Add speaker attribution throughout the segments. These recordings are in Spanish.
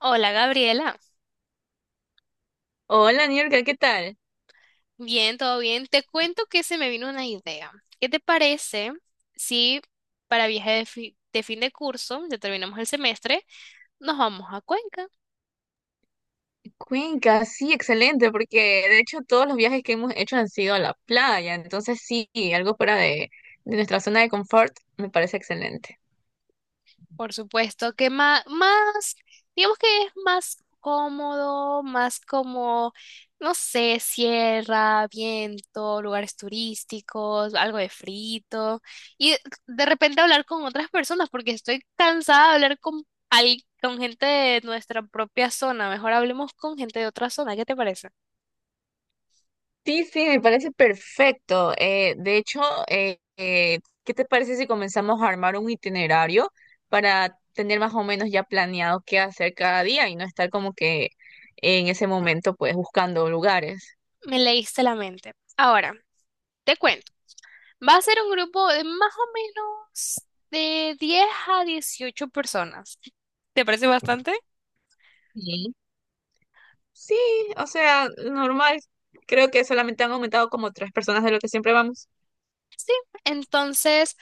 Speaker 1: Hola Gabriela,
Speaker 2: Hola, Niurka, ¿qué tal?
Speaker 1: bien, todo bien. Te cuento que se me vino una idea. ¿Qué te parece si para viaje de fin de curso, ya terminamos el semestre, nos vamos a Cuenca?
Speaker 2: Cuenca, sí, excelente, porque de hecho todos los viajes que hemos hecho han sido a la playa, entonces sí, algo fuera de nuestra zona de confort me parece excelente.
Speaker 1: Por supuesto, que más, digamos que es más cómodo, más como, no sé, sierra, viento, lugares turísticos, algo de frito. Y de repente hablar con otras personas, porque estoy cansada de hablar con con gente de nuestra propia zona. Mejor hablemos con gente de otra zona. ¿Qué te parece?
Speaker 2: Sí, sí, me parece perfecto. De hecho, ¿qué te parece si comenzamos a armar un itinerario para tener más o menos ya planeado qué hacer cada día y no estar como que en ese momento pues buscando lugares?
Speaker 1: Me leíste la mente. Ahora, te cuento. Va a ser un grupo de más o menos de 10 a 18 personas. ¿Te parece bastante?
Speaker 2: Sí, sí, o sea, normal. Creo que solamente han aumentado como tres personas de lo que siempre vamos.
Speaker 1: Entonces,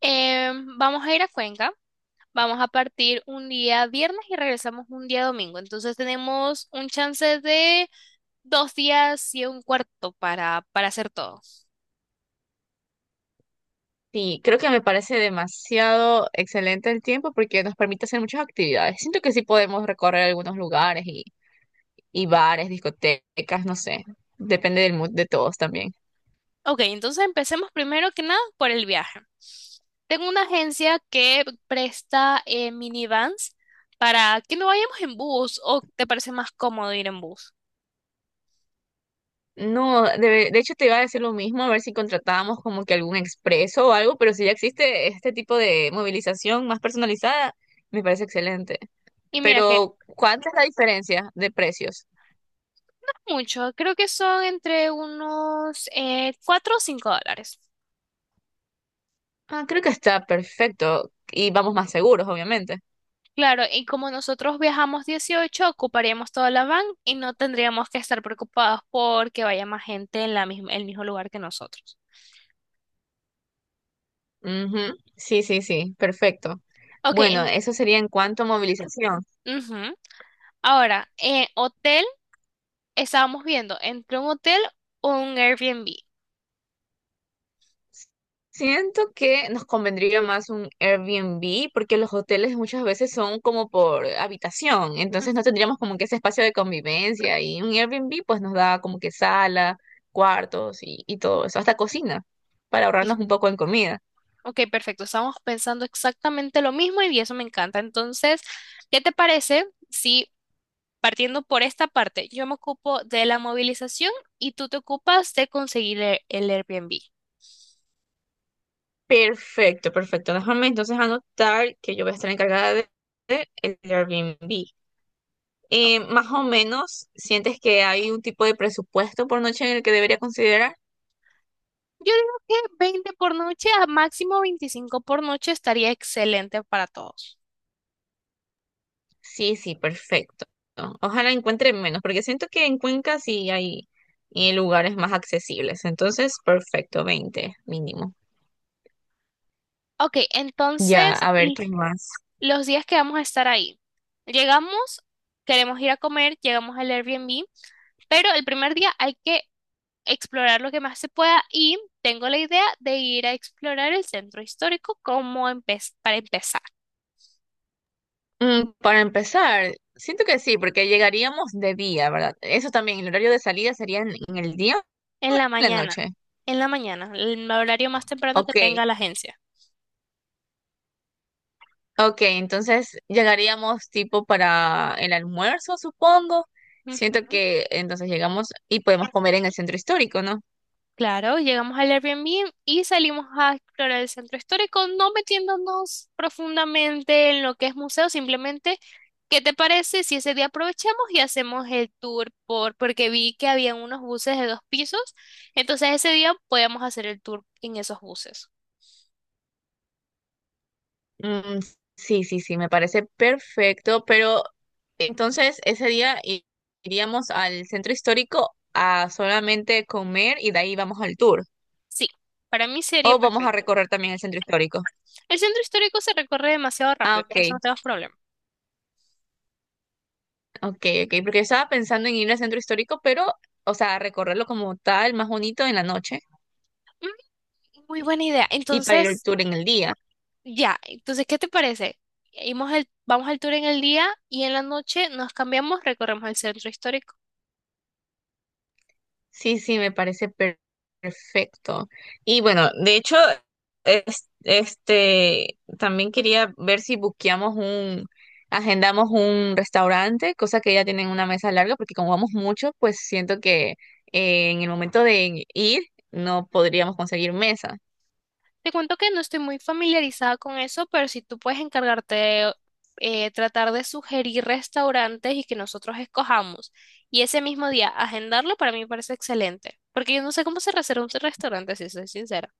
Speaker 1: vamos a ir a Cuenca. Vamos a partir un día viernes y regresamos un día domingo. Entonces tenemos un chance de 2 días y un cuarto para hacer todo.
Speaker 2: Sí, creo que me parece demasiado excelente el tiempo porque nos permite hacer muchas actividades. Siento que sí podemos recorrer algunos lugares y bares, discotecas, no sé. Depende del mood de todos también.
Speaker 1: Ok, entonces empecemos primero que nada por el viaje. Tengo una agencia que presta minivans para que no vayamos en bus o te parece más cómodo ir en bus.
Speaker 2: No, de hecho te iba a decir lo mismo, a ver si contratábamos como que algún expreso o algo, pero si ya existe este tipo de movilización más personalizada, me parece excelente.
Speaker 1: Y mira que
Speaker 2: Pero, ¿cuánta es la diferencia de precios?
Speaker 1: mucho, creo que son entre unos 4 o cinco dólares.
Speaker 2: Ah, creo que está perfecto y vamos más seguros, obviamente.
Speaker 1: Claro, y como nosotros viajamos 18 ocuparíamos toda la van y no tendríamos que estar preocupados porque vaya más gente en la misma, el mismo lugar que nosotros.
Speaker 2: Ujú, sí, sí, sí, perfecto.
Speaker 1: Ok,
Speaker 2: Bueno, eso sería en cuanto a movilización.
Speaker 1: ujú. Ahora, hotel. Estábamos viendo entre un hotel o un Airbnb.
Speaker 2: Siento que nos convendría más un Airbnb porque los hoteles muchas veces son como por habitación,
Speaker 1: Mm.
Speaker 2: entonces no tendríamos como que ese espacio de convivencia, y un Airbnb pues nos da como que sala, cuartos y todo eso, hasta cocina, para
Speaker 1: Ok,
Speaker 2: ahorrarnos un poco en comida.
Speaker 1: ok, perfecto. Estábamos pensando exactamente lo mismo y eso me encanta. Entonces, ¿qué te parece si partiendo por esta parte, yo me ocupo de la movilización y tú te ocupas de conseguir el Airbnb?
Speaker 2: Perfecto, perfecto. Déjame entonces anotar que yo voy a estar encargada del Airbnb.
Speaker 1: Ok.
Speaker 2: Más o menos, ¿sientes que hay un tipo de presupuesto por noche en el que debería considerar?
Speaker 1: Yo digo que 20 por noche a máximo 25 por noche estaría excelente para todos.
Speaker 2: Sí, sí, perfecto. Ojalá encuentre menos, porque siento que en Cuenca sí hay lugares más accesibles. Entonces, perfecto, 20 mínimo.
Speaker 1: Ok,
Speaker 2: Ya,
Speaker 1: entonces
Speaker 2: a ver, ¿qué más?
Speaker 1: los días que vamos a estar ahí. Llegamos, queremos ir a comer, llegamos al Airbnb, pero el primer día hay que explorar lo que más se pueda y tengo la idea de ir a explorar el centro histórico como para empezar,
Speaker 2: Mm, para empezar, siento que sí, porque llegaríamos de día, ¿verdad? Eso también, el horario de salida sería en el día
Speaker 1: en
Speaker 2: o en
Speaker 1: la
Speaker 2: la
Speaker 1: mañana,
Speaker 2: noche.
Speaker 1: en la mañana, el horario más temprano que
Speaker 2: Ok,
Speaker 1: tenga la agencia.
Speaker 2: ok, entonces llegaríamos tipo para el almuerzo, supongo. Siento
Speaker 1: Ujú.
Speaker 2: que entonces llegamos y podemos comer en el centro histórico, ¿no?
Speaker 1: Claro, llegamos al Airbnb y salimos a explorar el centro histórico, no metiéndonos profundamente en lo que es museo, simplemente, ¿qué te parece si ese día aprovechamos y hacemos el tour por, porque vi que había unos buses de dos pisos, entonces ese día podíamos hacer el tour en esos buses.
Speaker 2: Mm, sí, sí, sí, me parece perfecto, pero entonces ese día iríamos al centro histórico a solamente comer y de ahí vamos al tour.
Speaker 1: Sí, para mí
Speaker 2: O
Speaker 1: sería
Speaker 2: vamos a
Speaker 1: perfecto.
Speaker 2: recorrer también el centro histórico.
Speaker 1: El centro histórico se recorre demasiado
Speaker 2: Ah,
Speaker 1: rápido, por eso
Speaker 2: ok,
Speaker 1: no tenemos problema.
Speaker 2: ok, ok, porque estaba pensando en ir al centro histórico, pero, o sea, recorrerlo como tal, más bonito en la noche
Speaker 1: Mm, Muy buena idea.
Speaker 2: y para ir al
Speaker 1: Entonces,
Speaker 2: tour en el día.
Speaker 1: ya, entonces, ¿qué te parece? Vamos el, vamos al tour en el día y en la noche nos cambiamos, recorremos el centro histórico.
Speaker 2: Sí, sí, me parece perfecto. Y bueno, de hecho, este, también quería ver si agendamos un restaurante, cosa que ya tienen una mesa larga, porque como vamos mucho, pues siento que en el momento de ir no podríamos conseguir mesa.
Speaker 1: Te cuento que no estoy muy familiarizada con eso, pero si tú puedes encargarte de tratar de sugerir restaurantes y que nosotros escojamos y ese mismo día agendarlo, para mí me parece excelente, porque yo no sé cómo se reserva un restaurante, si soy sincera.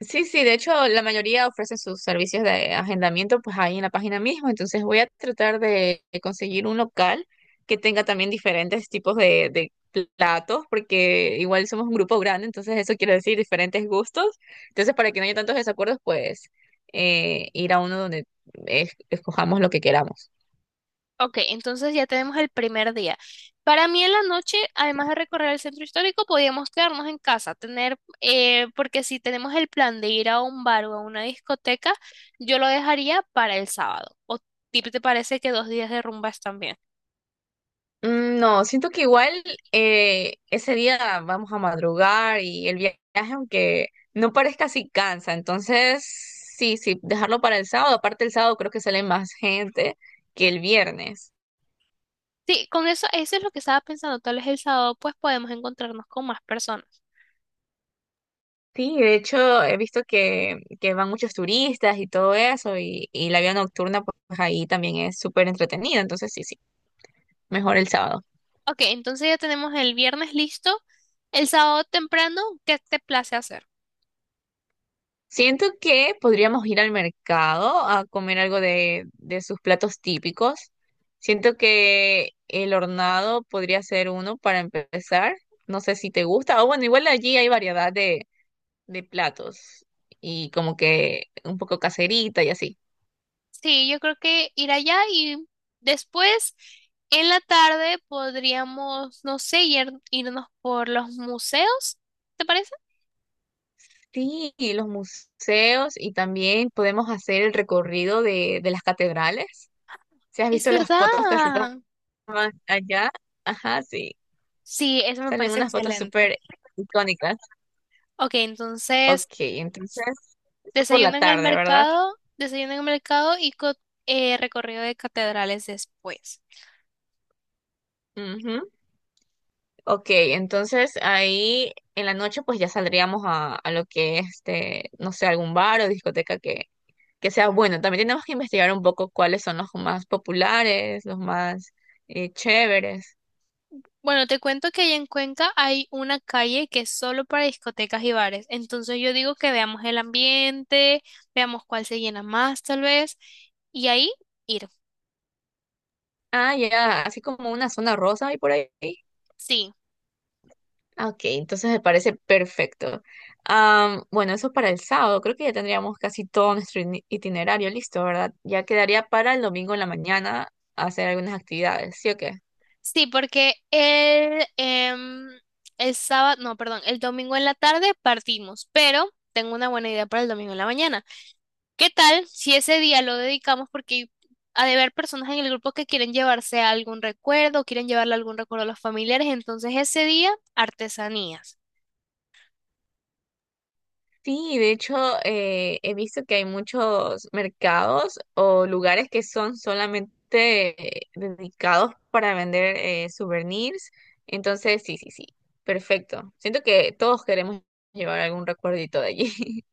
Speaker 2: Sí, sí, de hecho la mayoría ofrecen sus servicios de agendamiento pues ahí en la página misma, entonces voy a tratar de conseguir un local que tenga también diferentes tipos de platos, porque igual somos un grupo grande, entonces eso quiere decir diferentes gustos, entonces para que no haya tantos desacuerdos pues ir a uno donde escojamos lo que queramos.
Speaker 1: Ok, entonces ya tenemos el primer día. Para mí en la noche, además de recorrer el centro histórico, podíamos quedarnos en casa, tener, porque si tenemos el plan de ir a un bar o a una discoteca, yo lo dejaría para el sábado. ¿O ti te parece que 2 días de rumba están bien?
Speaker 2: Mm, no, siento que igual ese día vamos a madrugar y el viaje, aunque no parezca así, cansa. Entonces, sí, sí, dejarlo para el sábado. Aparte, el sábado creo que sale más gente que el viernes.
Speaker 1: Sí, con eso, eso es lo que estaba pensando. Tal vez el sábado pues podemos encontrarnos con más personas.
Speaker 2: Sí, de hecho, he visto que van muchos turistas y todo eso, y la vida nocturna, pues ahí también es súper entretenida. Entonces, sí, sí, mejor el sábado.
Speaker 1: Ok, entonces ya tenemos el viernes listo. El sábado temprano, ¿qué te place hacer?
Speaker 2: Siento que podríamos ir al mercado a comer algo de sus platos típicos. Siento que el hornado podría ser uno para empezar. No sé si te gusta. O bueno, igual allí hay variedad de platos y como que un poco caserita y así.
Speaker 1: Sí, yo creo que ir allá y después en la tarde podríamos, no sé, irnos por los museos, ¿te parece?
Speaker 2: Sí, y los museos y también podemos hacer el recorrido de las catedrales. ¿Si has
Speaker 1: Es
Speaker 2: visto las fotos que se
Speaker 1: verdad.
Speaker 2: toman allá? Ajá, sí.
Speaker 1: Sí, eso me
Speaker 2: Salen
Speaker 1: parece
Speaker 2: unas fotos
Speaker 1: excelente.
Speaker 2: súper icónicas.
Speaker 1: Ok, entonces.
Speaker 2: Ok, entonces, eso por la
Speaker 1: Desayuno en el
Speaker 2: tarde, ¿verdad?
Speaker 1: mercado, desayuno en el mercado y recorrido de catedrales después.
Speaker 2: Ujú. Ok, entonces ahí en la noche pues ya saldríamos a lo que este, no sé, algún bar o discoteca que sea bueno. También tenemos que investigar un poco cuáles son los más populares, los más chéveres.
Speaker 1: Bueno, te cuento que allá en Cuenca hay una calle que es solo para discotecas y bares. Entonces yo digo que veamos el ambiente, veamos cuál se llena más tal vez, y ahí ir.
Speaker 2: Ah, ya, así como una zona rosa y por ahí.
Speaker 1: Sí,
Speaker 2: Ah, ok, entonces me parece perfecto. Am, bueno, eso para el sábado. Creo que ya tendríamos casi todo nuestro itinerario listo, ¿verdad? Ya quedaría para el domingo en la mañana hacer algunas actividades, ¿sí o qué?
Speaker 1: sí, porque el sábado, no, perdón, el domingo en la tarde partimos, pero tengo una buena idea para el domingo en la mañana. ¿Qué tal si ese día lo dedicamos porque ha de haber personas en el grupo que quieren llevarse algún recuerdo, quieren llevarle algún recuerdo a los familiares, entonces ese día artesanías.
Speaker 2: Sí, de hecho, he visto que hay muchos mercados o lugares que son solamente dedicados para vender souvenirs. Entonces, sí, sí, sí, perfecto. Siento que todos queremos llevar algún recuerdito de allí.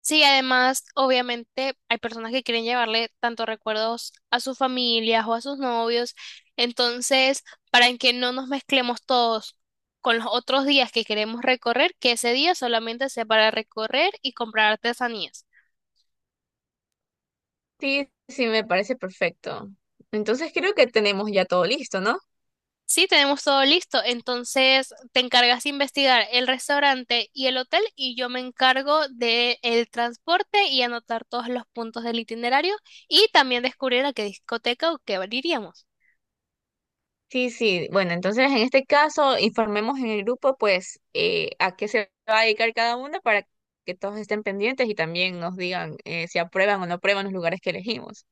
Speaker 1: Sí, además, obviamente hay personas que quieren llevarle tanto recuerdos a sus familias o a sus novios, entonces para que no nos mezclemos todos con los otros días que queremos recorrer, que ese día solamente sea para recorrer y comprar artesanías.
Speaker 2: Sí, sí, me parece perfecto. Entonces creo que tenemos ya todo listo, ¿no?
Speaker 1: Sí, tenemos todo listo. Entonces, te encargas de investigar el restaurante y el hotel y yo me encargo de el transporte y anotar todos los puntos del itinerario y también descubrir a qué discoteca o qué bar iríamos.
Speaker 2: Sí, sí. Bueno, entonces en este caso informemos en el grupo, pues, a qué se va a dedicar cada uno para que todos estén pendientes y también nos digan si aprueban o no aprueban los lugares que elegimos.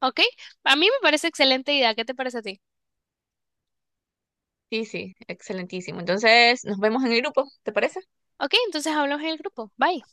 Speaker 1: ¿Ok? A mí me parece excelente idea. ¿Qué te parece a ti?
Speaker 2: Sí, sí, excelentísimo. Entonces nos vemos en el grupo, ¿te parece?
Speaker 1: Ok, entonces hablamos en el grupo. Bye.